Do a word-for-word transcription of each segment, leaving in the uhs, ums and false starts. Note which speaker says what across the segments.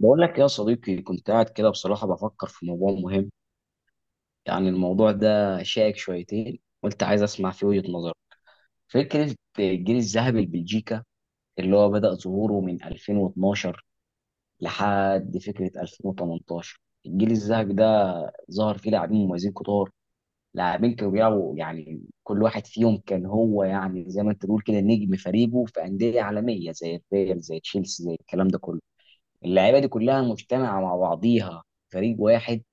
Speaker 1: بقول لك يا صديقي، كنت قاعد كده بصراحة بفكر في موضوع مهم. يعني الموضوع ده شائك شويتين، وانت عايز اسمع فيه وجهة نظرك. فكرة الجيل الذهبي لبلجيكا اللي هو بدأ ظهوره من ألفين واتناشر لحد فكرة ألفين وتمنتاشر. الجيل الذهبي ده ظهر فيه لاعبين مميزين كتار. لاعبين كانوا بيلعبوا، يعني كل واحد فيهم كان هو يعني زي ما انت تقول كده نجم فريقه في أندية عالمية زي الريال زي تشيلسي زي الكلام ده كله. اللعيبة دي كلها مجتمعة مع بعضيها فريق واحد.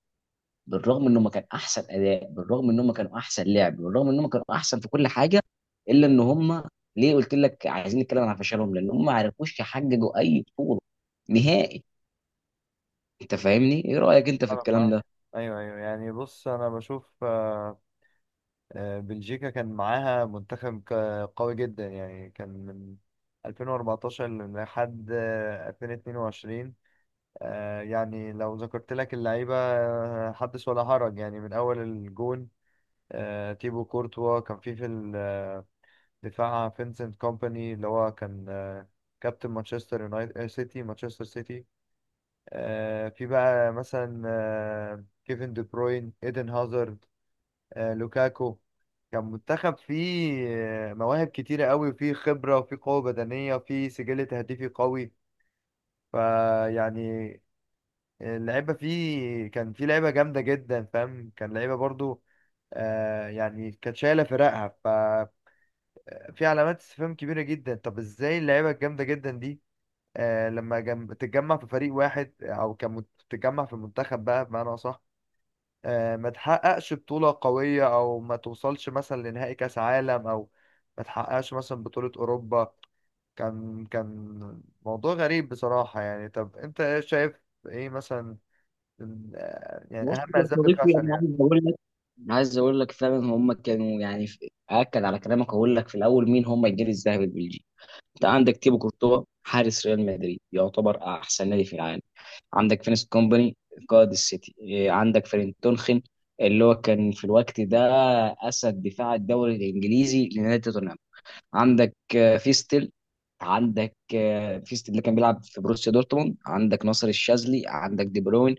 Speaker 1: بالرغم ان هم كان احسن اداء، بالرغم ان هم كانوا احسن لعب، بالرغم ان هم كانوا احسن في كل حاجه، الا ان هم... ليه قلت لك عايزين نتكلم عن فشلهم؟ لان هم ما عرفوش يحققوا اي بطوله نهائي. انت فاهمني؟ ايه رايك انت في
Speaker 2: أنا
Speaker 1: الكلام ده؟
Speaker 2: معاك. أيوه، أيوه، يعني بص أنا بشوف. آه، آه، بلجيكا كان معاها منتخب ك- قوي جدا، يعني كان من ألفين وأربعتاشر لحد آه، ألفين واثنين وعشرين. آه، يعني لو ذكرت لك اللعيبة، آه، حدث ولا حرج، يعني من أول الجون. آه، تيبو كورتوا كان في في الدفاع. فينسنت كومباني اللي هو كان آه، كابتن مانشستر يونايتد، آه، سيتي مانشستر سيتي. آه، في بقى مثلا آه، كيفن دي بروين، ايدن هازارد، آه، لوكاكو. كان منتخب فيه آه، مواهب كتيرة قوي، وفيه خبرة، وفيه قوة بدنية، وفيه سجل تهديفي قوي. فيعني اللعيبة فيه كان فيه لعيبة جامدة جدا، فاهم؟ كان لعيبة برضو آه، يعني كانت شايلة فرقها. ففي علامات استفهام كبيرة جدا، طب ازاي اللعيبة الجامدة جدا دي آه، لما جم... تتجمع في فريق واحد، آه، او كان مت- تتجمع في منتخب بقى بمعنى اصح، آه، ما تحققش بطولة قوية، أو ما توصلش مثلا لنهائي كأس عالم، أو ما تحققش مثلا بطولة أوروبا. كان كان موضوع غريب بصراحة يعني. طب أنت إيه شايف؟ إيه مثلا من- آه، يعني
Speaker 1: بص
Speaker 2: أهم
Speaker 1: يا
Speaker 2: أسباب
Speaker 1: صديقي،
Speaker 2: الفشل
Speaker 1: انا
Speaker 2: يعني؟
Speaker 1: عايز اقول لك، عايز اقول لك فعلا هم كانوا يعني في- اكد على كلامك. اقول لك في الاول مين هم الجيل الذهبي البلجيكي. انت عندك تيبو كورتوا حارس ريال مدريد، يعتبر احسن نادي في العالم. عندك فينيس كومباني قائد السيتي. إيه، عندك فرين تونخن اللي هو كان في الوقت ده اسد دفاع الدوري الانجليزي لنادي توتنهام. عندك آه، فيستل. عندك آه، فيستل اللي كان بيلعب في بروسيا دورتموند. عندك ناصر الشاذلي. عندك دي بروين،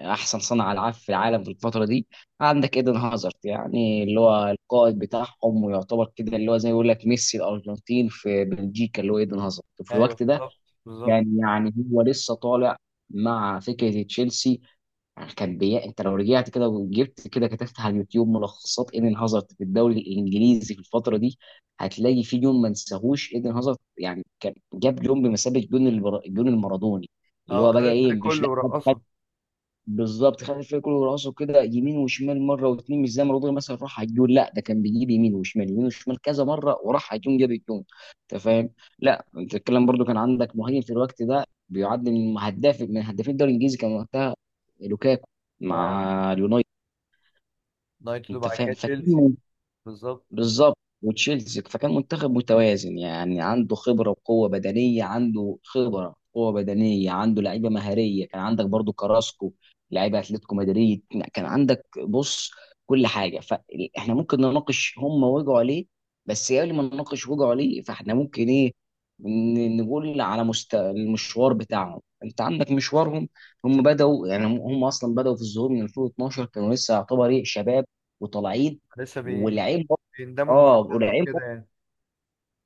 Speaker 1: احسن صانع العاب في العالم في الفتره دي. عندك ايدن هازارد، يعني اللي هو القائد بتاعهم ويعتبر كده اللي هو زي ما يقول لك ميسي الارجنتين في بلجيكا اللي هو ايدن هازارد. وفي
Speaker 2: أيوه،
Speaker 1: الوقت ده
Speaker 2: بالظبط، بالظبط.
Speaker 1: كان يعني هو لسه طالع مع فكره تشيلسي. يعني كان بي... انت لو رجعت كده وجبت كده كتبت على اليوتيوب ملخصات ايدن هازارد في الدوري الانجليزي في الفتره دي، هتلاقي في جون ما نساهوش ايدن هازارد. يعني كان جاب جون بمثابه جون البر... جون المارادوني اللي
Speaker 2: هو
Speaker 1: هو بقى
Speaker 2: خد
Speaker 1: ايه
Speaker 2: الفريق
Speaker 1: مش
Speaker 2: كله
Speaker 1: لا.
Speaker 2: ورقصه.
Speaker 1: بالظبط، خد الفريق كله وراسه كده يمين وشمال مره واثنين. مش زي ما رودري مثلا راح على الجون، لا ده كان بيجيب يمين وشمال يمين وشمال كذا مره وراح على الجون جاب الجون. انت فاهم؟ لا انت الكلام برضو، كان عندك مهاجم في الوقت ده بيعد من هداف من هدافين الدوري الانجليزي، كان وقتها لوكاكو
Speaker 2: أه،
Speaker 1: مع اليونايتد.
Speaker 2: نايت
Speaker 1: انت
Speaker 2: وبعد
Speaker 1: فاهم؟
Speaker 2: كده تشيلسي.
Speaker 1: فكان
Speaker 2: بالظبط.
Speaker 1: بالظبط وتشيلسي. فكان منتخب متوازن، يعني عنده خبره وقوه بدنيه، عنده خبره قوه بدنيه، عنده لعيبه مهاريه. كان عندك برضو كراسكو لعيبه اتلتيكو مدريد. كان عندك بص كل حاجه. فاحنا ممكن نناقش هم وجعوا ليه، بس قبل ما نناقش وجعوا ليه، فاحنا ممكن ايه ن- نقول على مست... المشوار بتاعهم. انت عندك مشوارهم. هم بدأوا، يعني هم هم اصلا بدأوا في الظهور من ألفين واثنا عشر، كانوا لسه يعتبر ايه شباب وطالعين.
Speaker 2: لسه بي... بيندمجوا مع
Speaker 1: اه
Speaker 2: بعض
Speaker 1: والعين
Speaker 2: وكده
Speaker 1: بص-
Speaker 2: يعني.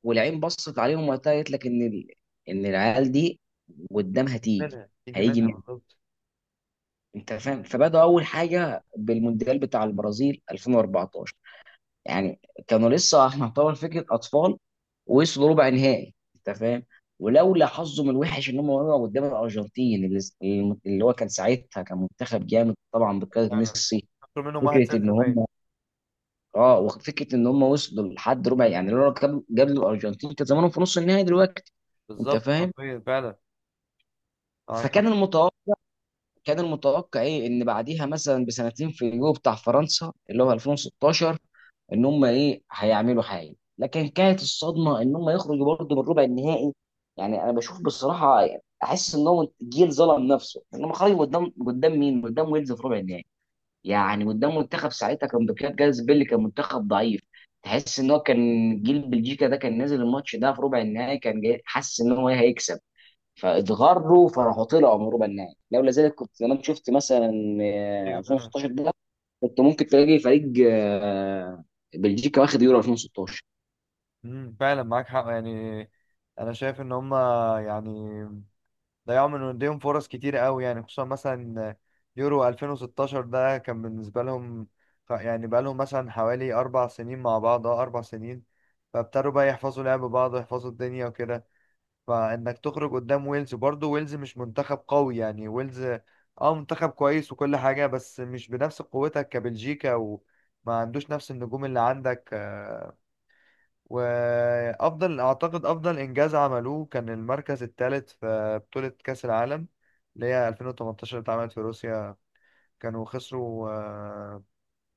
Speaker 1: والعين بصت عليهم وقتها قالت لك ان ال... ان العيال دي قدامها تيجي
Speaker 2: منها يجي
Speaker 1: هيجي
Speaker 2: منها،
Speaker 1: مين.
Speaker 2: بالظبط.
Speaker 1: انت فاهم؟ فبدأوا اول حاجه بالمونديال بتاع البرازيل ألفين واربعتاشر. يعني كانوا لسه يعتبر فكره اطفال ووصلوا ربع نهائي. انت فاهم؟ ولولا حظهم الوحش ان هم وقعوا قدام الارجنتين اللي اللي هو كان ساعتها كان منتخب جامد طبعا بقياده
Speaker 2: فعلا،
Speaker 1: ميسي.
Speaker 2: خسروا منهم
Speaker 1: فكره ان
Speaker 2: واحد صفر باين.
Speaker 1: هم اه وفكره ان هم وصلوا لحد ربع، يعني لو كانوا قبل الارجنتين كان زمانهم في نص النهائي دلوقتي. انت
Speaker 2: بالظبط،
Speaker 1: فاهم؟
Speaker 2: حرفيا، فعلا، معاك
Speaker 1: فكان
Speaker 2: حق.
Speaker 1: المتوقع، كان المتوقع ايه ان بعديها مثلا بسنتين في اليورو بتاع فرنسا اللي هو ألفين وستاشر ان هم ايه هيعملوا حاجه، لكن كانت الصدمه ان هم يخرجوا برضه من ربع النهائي. يعني انا بشوف بصراحه، احس ان هو جيل ظلم نفسه ان هم خرجوا قدام قدام مين؟ قدام ويلز في ربع النهائي. يعني قدام منتخب ساعتها كان بكاد جاز بيلي كان منتخب ضعيف. تحس ان هو كان جيل بلجيكا ده كان نازل الماتش ده في ربع النهائي كان جاي حاسس ان هو هيكسب. فاتغروا فراحوا طلعوا من ربع النهائي. لولا ذلك كنت زمان شفت مثلا آه،
Speaker 2: ايوه فعلا.
Speaker 1: ألفين وستاشر ده، كنت ممكن تلاقي فريق آه، بلجيكا واخد يورو ألفين وستاشر.
Speaker 2: امم، فعلا معاك حق يعني. انا شايف ان هم يعني ضيعوا من ايديهم فرص كتير قوي، يعني خصوصا مثلا يورو ألفين وستاشر ده كان بالنسبه لهم. ف- يعني بقى لهم مثلا حوالي اربع سنين مع بعض، اه اربع سنين. فابتدوا بقى يحفظوا لعب بعض ويحفظوا الدنيا وكده. فانك تخرج قدام ويلز، برضه ويلز مش منتخب قوي يعني. ويلز اه منتخب كويس وكل حاجه، بس مش بنفس قوتك كبلجيكا، وما عندوش نفس النجوم اللي عندك. آه، وافضل اعتقد افضل انجاز عملوه كان المركز الثالث في بطولة كأس العالم اللي هي ألفين وتمنتاشر، اللي اتعملت في روسيا. كانوا خسروا آه،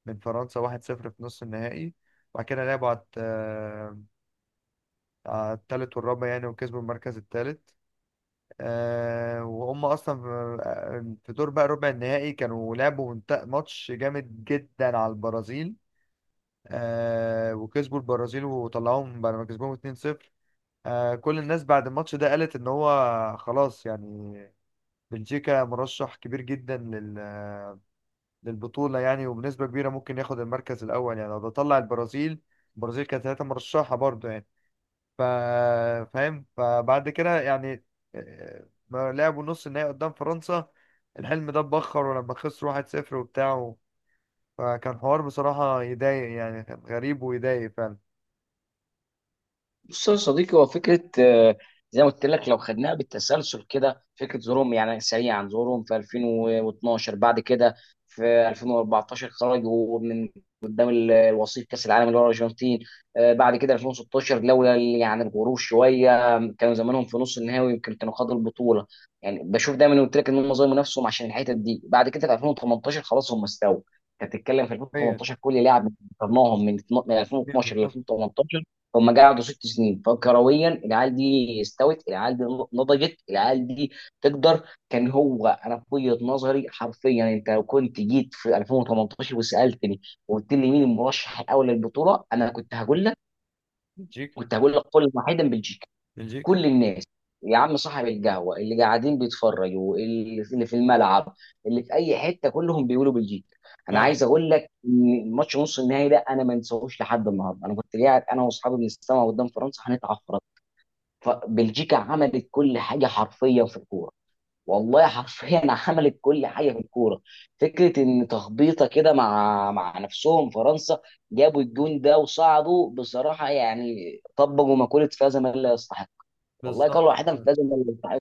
Speaker 2: من فرنسا واحد صفر في نص النهائي. وبعد كده لعبوا على الت- آه، على الثالث والرابع يعني، وكسبوا المركز الثالث. وهم اصلا في آه، في دور بقى ربع النهائي كانوا لعبوا منت- ماتش جامد جدا على البرازيل. آه، وكسبوا البرازيل وطلعوهم بعد ما كسبوهم اتنين صفر. آه، كل الناس بعد الماتش ده قالت ان هو خلاص يعني، بلجيكا مرشح كبير جدا لل آه، للبطولة، يعني وبنسبة كبيرة ممكن ياخد المركز الأول يعني. لو ده طلع البرازيل، البرازيل كانت ثلاثة مرشحة برضه يعني. ف فاهم؟ فبعد كده يعني آه، ما لعبوا نص النهائي قدام فرنسا، الحلم ده اتبخر، ولما خسروا واحد صفر وبتاع. فكان حوار بصراحة يضايق يعني، كان غريب ويضايق فعلا.
Speaker 1: بص يا صديقي، هو فكره آه، زي ما قلت لك لو خدناها بالتسلسل كده، فكره ظهورهم يعني سريعا ظهورهم في ألفين واتناشر، بعد كده في ألفين واربعتاشر خرجوا من قدام ال- الوصيف كاس العالم اللي هو الارجنتين. آه، بعد كده ألفين وستاشر لولا ال- يعني الغرور شويه كانوا زمانهم في نص النهائي ويمكن كانوا خدوا البطوله. يعني بشوف دايما قلت لك ان هم ظلموا نفسهم عشان الحته دي. بعد كده في ألفين وتمنتاشر خلاص هم استووا. انت بتتكلم في
Speaker 2: أيوة،
Speaker 1: ألفين وتمنتاشر كل لاعب قارناهم من اتنا- من
Speaker 2: أيوة،
Speaker 1: ألفين واتناشر ل
Speaker 2: بالظبط.
Speaker 1: ألفين وتمنتاشر، هم قعدوا ست سنين. فكرويا العيال دي استوت، العيال دي نضجت، العيال دي تقدر. كان هو انا في وجهه نظري حرفيا انت لو كنت جيت في ألفين وتمنتاشر وسالتني وقلت لي مين المرشح الاول للبطوله، انا كنت هقول لك،
Speaker 2: بلجيكا،
Speaker 1: كنت هقول لك قول واحدا بلجيكا.
Speaker 2: بلجيكا.
Speaker 1: كل الناس، يا عم صاحب القهوه اللي قاعدين بيتفرجوا، اللي في اللي في الملعب، اللي في اي حته، كلهم بيقولوا بلجيكا. انا
Speaker 2: فعلا،
Speaker 1: عايز اقول لك ان ماتش نص النهائي ده انا ما انساهوش لحد النهارده. انا كنت قاعد انا واصحابي بنستمع قدام فرنسا هنتعفرط. فبلجيكا عملت كل حاجه حرفيا في الكوره، والله حرفيا عملت كل حاجه في الكوره. فكره ان تخبيطه كده مع مع نفسهم فرنسا جابوا الجون ده وصعدوا بصراحه. يعني طبقوا مقوله فاز من لا يستحق. والله
Speaker 2: بالظبط.
Speaker 1: قالوا واحدة مش لازم اللي يستحق.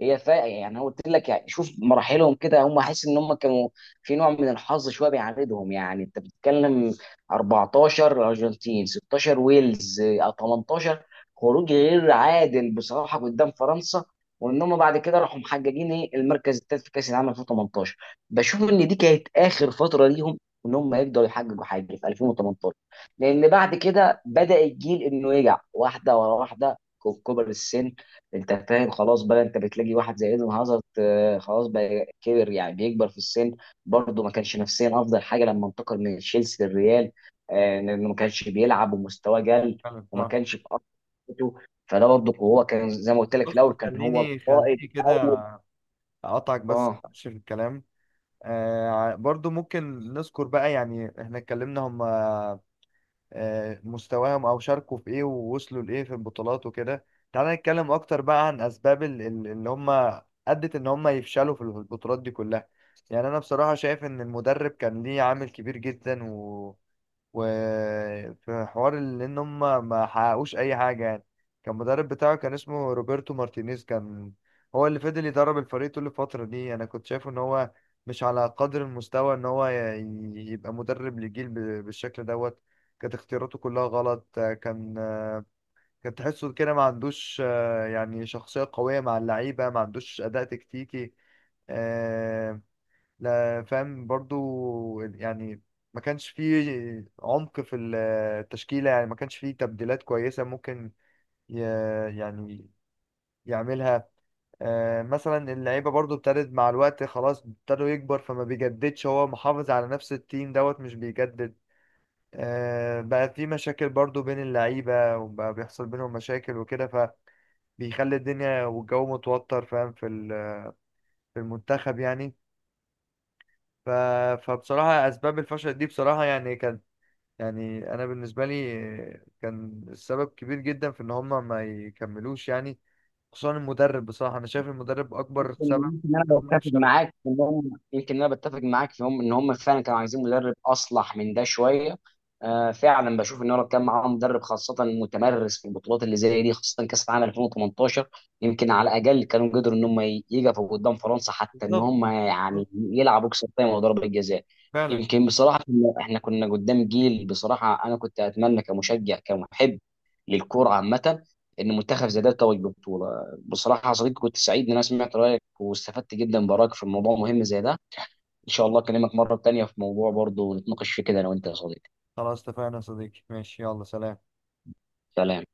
Speaker 1: هي فا يعني أنا قلت لك، يعني شوف مراحلهم كده، هم حاسس ان هم كانوا في نوع من الحظ شويه بيعاندهم. يعني انت بتتكلم اربعتاشر الارجنتين، ستاشر ويلز، آه، تمنتاشر خروج غير عادل بصراحه قدام فرنسا. وان هم بعد كده راحوا محققين ايه المركز الثالث في كاس العالم ألفين وتمنتاشر. بشوف ان دي كانت اخر فتره ليهم ان هم يقدروا يحققوا حاجه في ألفين وثمانية عشر، لان بعد كده بدا الجيل انه يرجع واحده ورا واحده كبر السن. انت فاهم خلاص بقى؟ انت بتلاقي واحد زي ايدن هازارد آه، خلاص بقى كبر، يعني بيكبر في السن. برضه ما كانش نفسيا افضل حاجه لما انتقل من تشيلسي للريال، آه، لانه ما كانش بيلعب ومستواه قل وما
Speaker 2: بالظبط.
Speaker 1: كانش في أفضل حالاته. فده برضه هو كان زي ما قلت لك في
Speaker 2: بص
Speaker 1: الاول كان هو
Speaker 2: خليني
Speaker 1: القائد
Speaker 2: خليني
Speaker 1: الاول.
Speaker 2: كده اقطعك بس في
Speaker 1: اه
Speaker 2: آخر الكلام. آه ع- برضو ممكن نذكر بقى يعني احنا اتكلمنا هم آه مستواهم او شاركوا في ايه، ووصلوا لايه في البطولات وكده. تعالى نتكلم اكتر بقى عن اسباب ال- ال- اللي هم ادت ان هم يفشلوا في البطولات دي كلها. يعني انا بصراحة شايف ان المدرب كان ليه عامل كبير جدا، وفي حوار ال- ان هم ما حققوش اي حاجه يعني. كان المدرب بتاعه كان اسمه روبرتو مارتينيز، كان هو اللي فضل يدرب الفريق طول الفتره دي. انا كنت شايفه ان هو مش على قدر المستوى ان هو ي- يبقى مدرب لجيل ب- بالشكل دوت. كانت اختياراته كلها غلط. كان كان تحسه كده ما عندوش آه، يعني شخصيه قويه مع اللعيبه، ما عندوش اداء تكتيكي. آه، لا، فاهم برضو يعني. ما كانش فيه عمق في التشكيلة يعني، ما كانش فيه تبديلات كويسة ممكن ي- يعني يعملها. آه، مثلا اللعيبة برضو ابتدت مع الوقت خلاص، ابتدوا يكبر، فما بيجددش. هو محافظ على نفس التيم دوت مش بيجدد. آه، بقى في مشاكل برضو بين اللعيبة، وبقى بيحصل بينهم مشاكل وكده، فبيخلي الدنيا والجو متوتر، فاهم، في ال- في المنتخب يعني. ف... فبصراحة أسباب الفشل دي بصراحة يعني كانت، يعني انا بالنسبه لي كان السبب كبير جدا في ان هم ما يكملوش يعني. خصوصا المدرب، بصراحه انا شايف المدرب اكبر سبب
Speaker 1: يمكن انا
Speaker 2: ان هم
Speaker 1: بتفق
Speaker 2: يفشلوا.
Speaker 1: معاك في ان هم، يمكن انا بتفق معاك في هم ان هم فعلا كانوا عايزين مدرب اصلح من ده شويه. آه فعلا بشوف ان هو لو كان معاهم مدرب خاصه متمرس في البطولات اللي زي دي خاصه كاس العالم ألفين وتمنتاشر، يمكن على الاقل كانوا قدروا ان هم ي- يقفوا قدام فرنسا حتى ان
Speaker 2: بالظبط،
Speaker 1: هم يعني
Speaker 2: بالظبط.
Speaker 1: يلعبوا كسر تايم وضربه جزاء.
Speaker 2: فعلا.
Speaker 1: يمكن بصراحه كنا- احنا كنا قدام جيل. بصراحه انا كنت اتمنى كمشجع كمحب للكوره عامه ان منتخب زي ده يتوج ببطوله. بصراحه يا صديقي، كنت سعيد ان انا سمعت رايك واستفدت جدا برايك في الموضوع مهم زي ده. ان شاء الله اكلمك مره تانية في موضوع برضه نتناقش فيه كده انا وانت يا صديقي.
Speaker 2: خلاص اتفقنا يا صديقي، ماشي، يلا، سلام.
Speaker 1: سلام.